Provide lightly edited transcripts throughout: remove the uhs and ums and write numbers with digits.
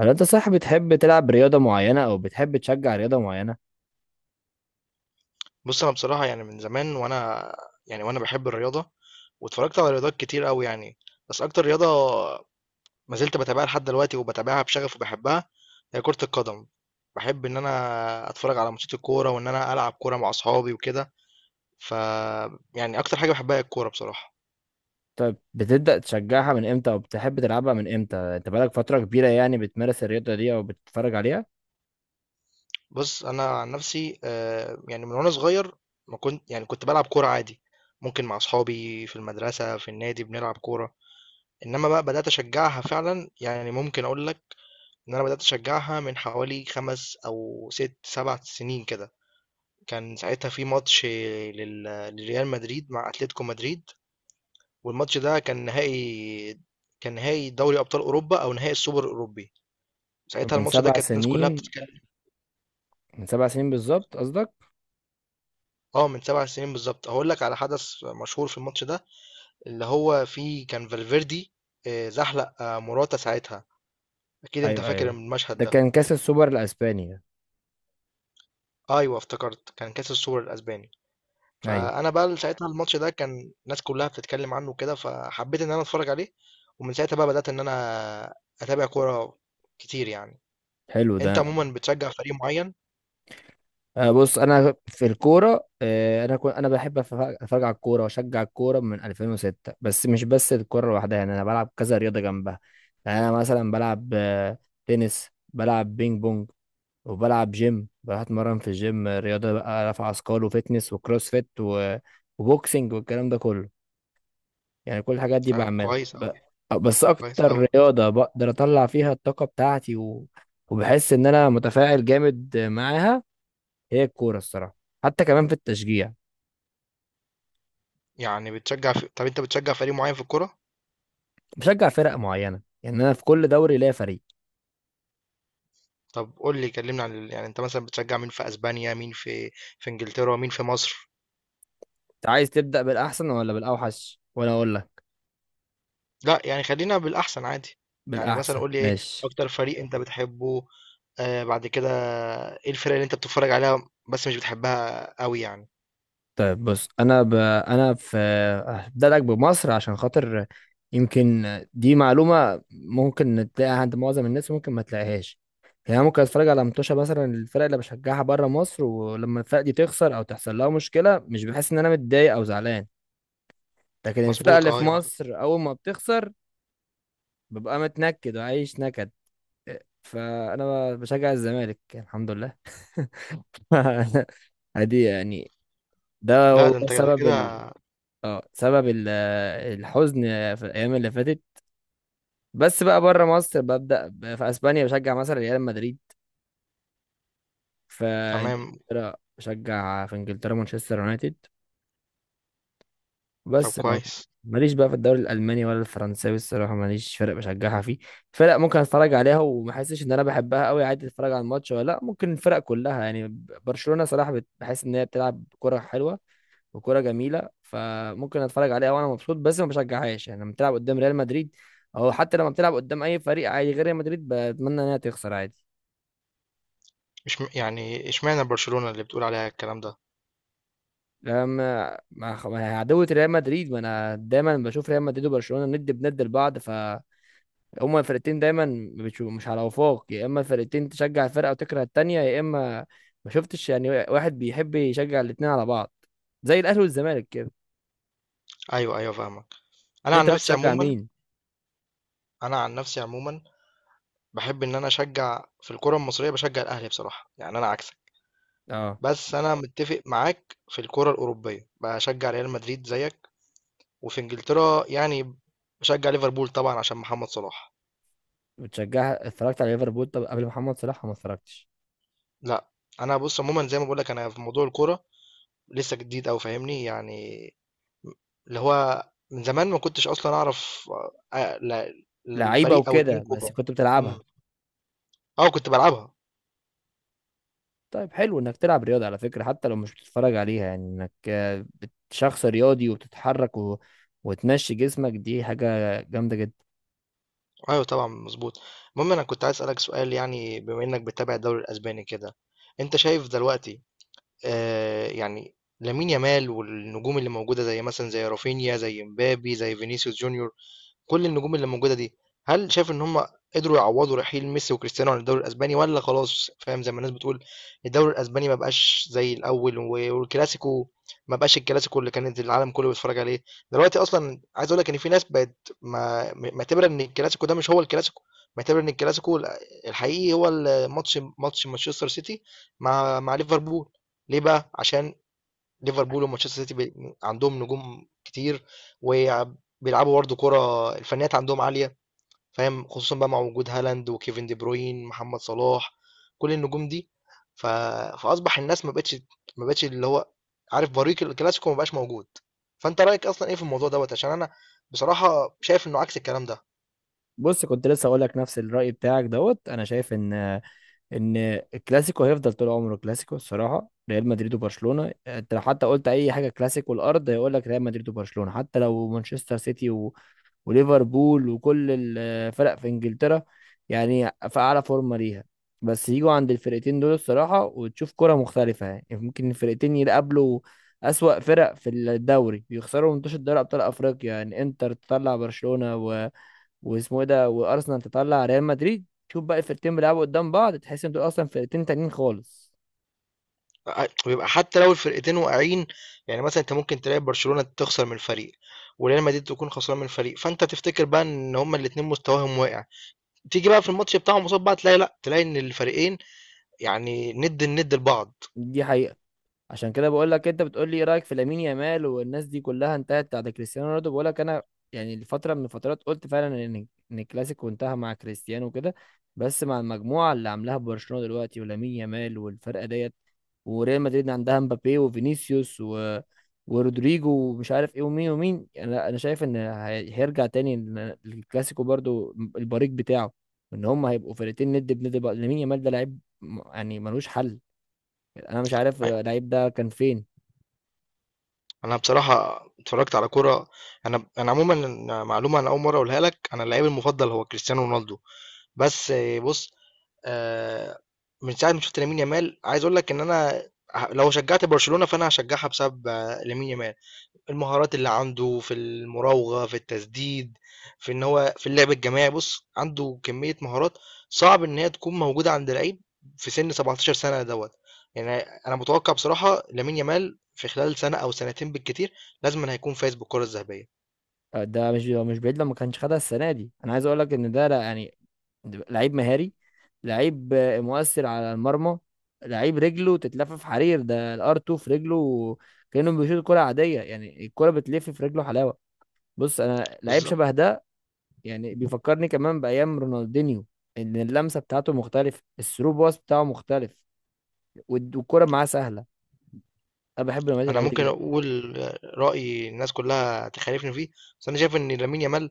هل انت صح بتحب تلعب رياضة معينة او بتحب تشجع رياضة معينة؟ بص انا بصراحه يعني من زمان وانا بحب الرياضه، واتفرجت على رياضات كتير قوي يعني. بس اكتر رياضه ما زلت بتابعها لحد دلوقتي وبتابعها بشغف وبحبها هي كره القدم. بحب ان انا اتفرج على ماتشات الكوره وان انا العب كوره مع اصحابي وكده. ف يعني اكتر حاجه بحبها هي الكوره بصراحه. طيب بتبدأ تشجعها من امتى او بتحب تلعبها من امتى؟ انت بقالك فترة كبيرة يعني بتمارس الرياضة دي او بتتفرج عليها؟ بص انا عن نفسي، يعني من وانا صغير ما كنت، يعني كنت بلعب كوره عادي، ممكن مع اصحابي في المدرسه في النادي بنلعب كوره. انما بقى بدات اشجعها فعلا، يعني ممكن اقول لك إن أنا بدأت أشجعها من حوالي 5 أو 6، 7 سنين كده. كان ساعتها في ماتش لل لريال مدريد مع أتلتيكو مدريد، والماتش ده كان نهائي دوري أبطال أوروبا أو نهائي السوبر الأوروبي. ساعتها من الماتش ده سبع كانت الناس كلها سنين، بتتكلم. من سبع سنين بالظبط قصدك؟ اه، من 7 سنين بالظبط. هاقول لك على حدث مشهور في الماتش ده، اللي هو فيه كان فالفيردي، زحلق، موراتا ساعتها. أكيد أنت ايوه فاكر ايوه، المشهد ده ده. كان كاس السوبر الاسباني. أيوه افتكرت، كان كأس السوبر الأسباني. ايوه. فانا بقى ساعتها الماتش ده كان الناس كلها بتتكلم عنه كده، فحبيت ان انا اتفرج عليه. ومن ساعتها بقى بدأت ان انا اتابع كورة كتير يعني. حلو ده. انت عموما بتشجع فريق معين؟ بص انا في الكوره، انا كنت بحب اتفرج على الكوره واشجع الكوره من 2006، بس مش بس الكوره لوحدها، يعني انا بلعب كذا رياضه جنبها. يعني انا مثلا بلعب تنس، بلعب بينج بونج، وبلعب جيم، بروح اتمرن في الجيم، رياضه بقى رفع اثقال وفتنس وكروس فيت وبوكسنج والكلام ده كله. يعني كل الحاجات دي طب بعملها كويس قوي. بس كويس قوي. اكتر رياضه بقدر اطلع فيها الطاقه بتاعتي وبحس ان انا متفاعل جامد معاها هي الكورة الصراحة، حتى كمان في التشجيع. يعني طب انت بتشجع فريق معين في الكورة؟ بشجع فرق معينة، يعني أنا في كل دوري ليا فريق. طب قول لي، يعني انت مثلا بتشجع مين في اسبانيا، مين في انجلترا، مين في مصر؟ أنت عايز تبدأ بالأحسن ولا بالأوحش وأنا أقول لك؟ لا، يعني خلينا بالاحسن عادي. يعني مثلا بالأحسن قول لي ايه ماشي. اكتر فريق انت بتحبه، بعد كده ايه الفرق اللي انت بتتفرج عليها بس مش بتحبها قوي يعني. طيب بص، أنا هبدأ لك بمصر عشان خاطر يمكن دي معلومة ممكن تلاقيها عند معظم الناس، ممكن ما تلاقيهاش. يعني أنا ممكن اتفرج على متوشة مثلا الفرق اللي بشجعها بره مصر، ولما الفرق دي تخسر او تحصل لها مشكلة مش بحس ان انا متضايق او زعلان، لكن الفرقة مظبوط، اللي في اه، يا معلم. مصر أول ما بتخسر ببقى متنكد وعايش نكد. فانا بشجع الزمالك الحمد لله. عادي يعني، ده لا هو ده انت كده سبب كده. ال... اه سبب الحزن في الايام اللي فاتت. بس بقى بره مصر ببدا في اسبانيا بشجع مثلا ريال مدريد، في تمام. انجلترا بشجع في انجلترا مانشستر يونايتد. طب بس ما كويس. ماليش بقى في الدوري الالماني ولا الفرنساوي، الصراحه ماليش فرق بشجعها فيه. فرق ممكن اتفرج عليها وما احسش ان انا بحبها قوي، عادي اتفرج على الماتش ولا لا، ممكن الفرق كلها يعني. برشلونه صراحه بحس ان هي بتلعب كره حلوه وكره جميله، فممكن اتفرج عليها وانا مبسوط، بس ما بشجعهاش. يعني لما بتلعب قدام ريال مدريد، او حتى لما بتلعب قدام اي فريق عادي غير ريال مدريد، بتمنى انها تخسر عادي. مش م... يعني اشمعنى برشلونة اللي بتقول عليها الكلام ده؟ لما مع عدوة ريال مدريد، ما انا دايما بشوف ريال مدريد وبرشلونه ند بند لبعض، ف هما الفرقتين دايما بتشوف مش على وفاق، يا اما الفرقتين تشجع الفرقه وتكره التانيه يا اما، ما شفتش يعني واحد بيحب يشجع الاتنين على بعض، زي الاهلي والزمالك كده. ايوه، ايوه، فاهمك. انا عن انت نفسي بتشجع عموما مين؟ انا عن نفسي عموما بحب ان انا اشجع في الكرة المصرية، بشجع الاهلي بصراحة، يعني انا عكسك. اه بس انا متفق معاك في الكرة الاوروبية، بشجع ريال مدريد زيك. وفي انجلترا يعني بشجع ليفربول طبعا عشان محمد صلاح. بتشجع اتفرجت على ليفربول، طب قبل محمد صلاح ما اتفرجتش؟ لا. انا بص عموما زي ما بقول لك انا في موضوع الكرة لسه جديد او فاهمني يعني. اللي هو من زمان ما كنتش اصلا اعرف، آه، لا- لعيبه الفريق او اتنين وكده بس كوره. كنت بتلعبها؟ امم. اه، كنت بلعبها. طيب حلو انك تلعب رياضه على فكره، حتى لو مش بتتفرج عليها، يعني انك شخص رياضي وبتتحرك وتمشي جسمك، دي حاجه جامده جدا. ايوه طبعا مظبوط. المهم انا كنت عايز اسالك سؤال، يعني بما انك بتتابع الدوري الاسباني كده، انت شايف دلوقتي، يعني، لامين يامال والنجوم اللي موجوده، زي مثلا زي رافينيا، زي مبابي، زي فينيسيوس جونيور، كل النجوم اللي موجودة دي، هل شايف إن هم قدروا يعوّضوا رحيل ميسي وكريستيانو عن الدوري الأسباني، والّا خلاص، فاهم، زي ما الناس بتقول الدوري الأسباني ما بقاش زي الأول، والكلاسيكو ما بقاش الكلاسيكو اللي كانت العالم كله بيتفرّج عليه؟ دلوقتي أصلًا عايز أقول لك إن في ناس بقت ما معتبرة إن الكلاسيكو ده مش هو الكلاسيكو، معتبرة إن الكلاسيكو الحقيقي هو ال ماتش ماتش مانشستر سيتي مع ليفربول. ليه بقى؟ عشان ليفربول ومانشستر سيتي عندهم نجوم كتير، وبيلعبوا برضه كرة، الفنيات عندهم عالية، فاهم، خصوصا بقى مع وجود هالاند وكيفن دي بروين محمد صلاح، كل النجوم دي. ف... فأصبح الناس ما بقتش، ما بقتش اللي هو عارف، بريق الكلاسيكو ما بقاش موجود. فأنت رأيك أصلا إيه في الموضوع دوت؟ عشان أنا بصراحة شايف إنه عكس الكلام ده. بص كنت لسه اقول لك نفس الرأي بتاعك دوت. انا شايف ان الكلاسيكو هيفضل طول عمره كلاسيكو الصراحه. ريال مدريد وبرشلونه، انت لو حتى قلت اي حاجه كلاسيكو الارض هيقول لك ريال مدريد وبرشلونه. حتى لو مانشستر سيتي وليفربول وكل الفرق في انجلترا يعني في اعلى فورمه ليها، بس يجوا عند الفرقتين دول الصراحه وتشوف كره مختلفه. يعني يعني ممكن الفرقتين يقابلوا اسوأ فرق في الدوري يخسروا منتوش، الدوري ابطال افريقيا يعني انتر تطلع برشلونه واسمه ايه ده وارسنال تطلع ريال مدريد، شوف بقى الفرقتين بيلعبوا قدام بعض، تحس ان دول اصلا فرقتين تانيين خالص. ويبقى حتى لو الفرقتين واقعين، يعني مثلا انت ممكن تلاقي برشلونة تخسر من فريق، وريال مدريد تكون خسران من فريق، فانت تفتكر بقى ان هما الاتنين مستواهم واقع. تيجي بقى في الماتش بتاعهم قصاد بعض، تلاقي لا، تلاقي ان الفريقين يعني ند الند لبعض. دي حقيقة. عشان كده بقول لك، انت بتقول لي ايه رايك في لامين يامال والناس دي كلها انتهت بعد كريستيانو رونالدو، بقول لك انا يعني لفتره من الفترات قلت فعلا ان الكلاسيكو انتهى مع كريستيانو وكده. بس مع المجموعه اللي عاملاها برشلونه دلوقتي ولامين يامال والفرقه ديت، وريال مدريد عندها مبابي وفينيسيوس ورودريجو ومش عارف ايه ومين ومين، انا شايف ان هيرجع تاني للكلاسيكو برضو البريق بتاعه، ان هم هيبقوا فرقتين ند بند بقى. لامين يامال ده لعيب يعني ملوش حل، انا مش عارف أيوة. اللعيب ده كان فين. انا بصراحه اتفرجت على كرة، انا عموما معلومه انا اول مره اقولها لك، انا اللعيب المفضل هو كريستيانو رونالدو. بس بص، آه، من ساعه ما شفت لامين يامال عايز اقول لك ان انا، لو شجعت برشلونه فانا هشجعها بسبب، لامين يامال. المهارات اللي عنده في المراوغة، في التسديد، في ان هو في اللعب الجماعي، بص عنده كمية مهارات صعب ان هي تكون موجودة عند لعيب في سن 17 سنة دوت. يعني انا متوقع بصراحة لامين يامال في خلال سنة او سنتين بالكتير لازم هيكون فايز بالكرة الذهبية. ده مش هو مش بعيد لو ما كانش خدها السنه دي. انا عايز اقول لك ان ده يعني لعيب مهاري، لعيب مؤثر على المرمى، لعيب رجله تتلف في حرير، ده الار 2 في رجله، كانه بيشوط كره عاديه يعني الكره بتلف في رجله حلاوه. بص انا لعيب بالظبط. شبه ده يعني، بيفكرني كمان بايام رونالدينيو، ان اللمسه بتاعته مختلفه، الثرو باص بتاعه مختلف، والكره معاه سهله. انا بحب نوعيه انا اللعيبه ممكن دي. اقول رأي الناس كلها تخالفني فيه، بس انا شايف ان لامين يامال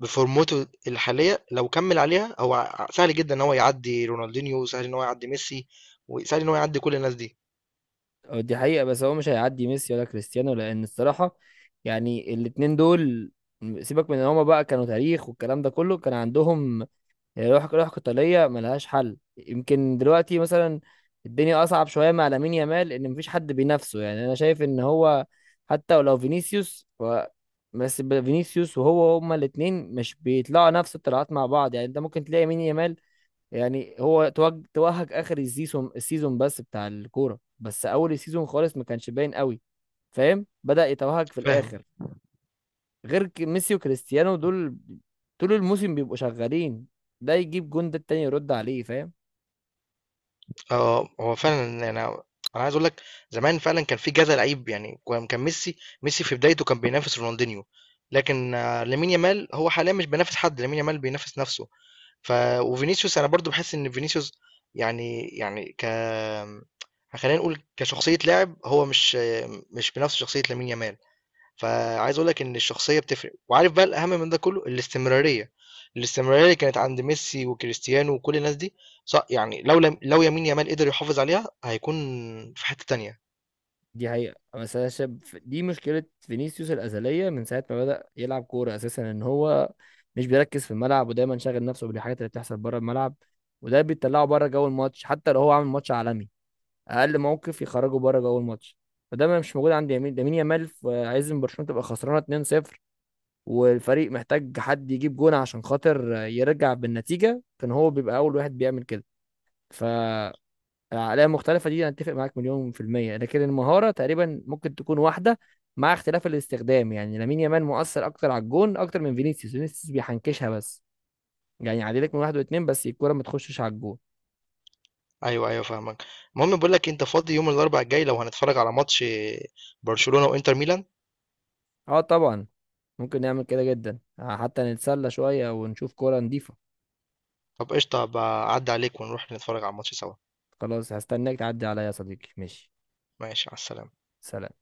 بفورمته الحالية لو كمل عليها هو سهل جدا ان هو يعدي رونالدينيو، سهل ان هو يعدي ميسي، وسهل ان هو يعدي كل الناس دي. أه، دي حقيقة، بس هو مش هيعدي ميسي ولا كريستيانو، لأن الصراحة يعني الاتنين دول، سيبك من ان هما بقى كانوا تاريخ والكلام ده كله، كان عندهم روح قتالية ملهاش حل. يمكن دلوقتي مثلا الدنيا أصعب شوية مع لامين يامال إن مفيش حد بينافسه، يعني أنا شايف إن هو حتى ولو فينيسيوس فينيسيوس وهو هما الاتنين مش بيطلعوا نفس الطلعات مع بعض، يعني أنت ممكن تلاقي لامين يامال، يعني هو توهج اخر السيزون بس بتاع الكوره، بس اول السيزون خالص ما كانش باين قوي، فاهم، بدأ يتوهج في فاهم. الاخر. غير ميسي وكريستيانو دول طول الموسم بيبقوا شغالين، ده يجيب جون ده التاني يرد عليه، فاهم. هو فعلًا أنا عايز أقول لك زمان فعلًا كان في كذا لعيب، يعني كان ميسي في بدايته كان بينافس رونالدينيو، لكن لامين يامال هو حاليًا مش بينافس حد، لامين يامال بينافس نفسه. ف وفينيسيوس أنا برضه باحس إن فينيسيوس يعني، يعني خلينا نقول كشخصية لاعب، هو مش بنفس شخصية لامين يامال. فعايز اقول لك ان الشخصيه بتفرق، وعارف بقى الاهم من ده كله الاستمراريه اللي كانت عند ميسي وكريستيانو وكل الناس دي. صح، يعني لو لم لو يمين يامال قدر يحافظ عليها هيكون في حته تانية. دي حقيقة، بس انا شايف دي مشكلة فينيسيوس الأزلية من ساعة ما بدأ يلعب كورة أساسا، إن هو مش بيركز في الملعب ودايما شاغل نفسه بالحاجات اللي بتحصل بره الملعب، وده بيطلعه بره جو الماتش حتى لو هو عامل ماتش عالمي، اقل موقف يخرجوا بره جوه الماتش. فده ما مش موجود عند لامين يامال، عايز ان برشلونه تبقى خسرانه 2-0 والفريق محتاج حد يجيب جون عشان خاطر يرجع بالنتيجه، كان هو بيبقى اول واحد بيعمل كده. ف العقليه المختلفه دي انا اتفق معاك مليون في الميه، لكن المهاره تقريبا ممكن تكون واحده مع اختلاف الاستخدام، يعني لامين يامال مؤثر اكتر على الجون اكتر من فينيسيوس، فينيسيوس بيحنكشها بس، يعني يعدي لك من واحد واتنين بس الكوره ما تخشش على الجون. ايوه، ايوه، فاهمك. المهم بقول لك، انت فاضي يوم الاربعاء الجاي لو هنتفرج على ماتش برشلونه وانتر ميلان؟ اه طبعا، ممكن نعمل كده جدا حتى نتسلى شوية ونشوف كورة نضيفة. طب قشطه، هبقى اعدي عليك ونروح نتفرج على الماتش سوا. خلاص هستناك تعدي عليا يا صديقي، ماشي. ماشي، على السلامه. سلام.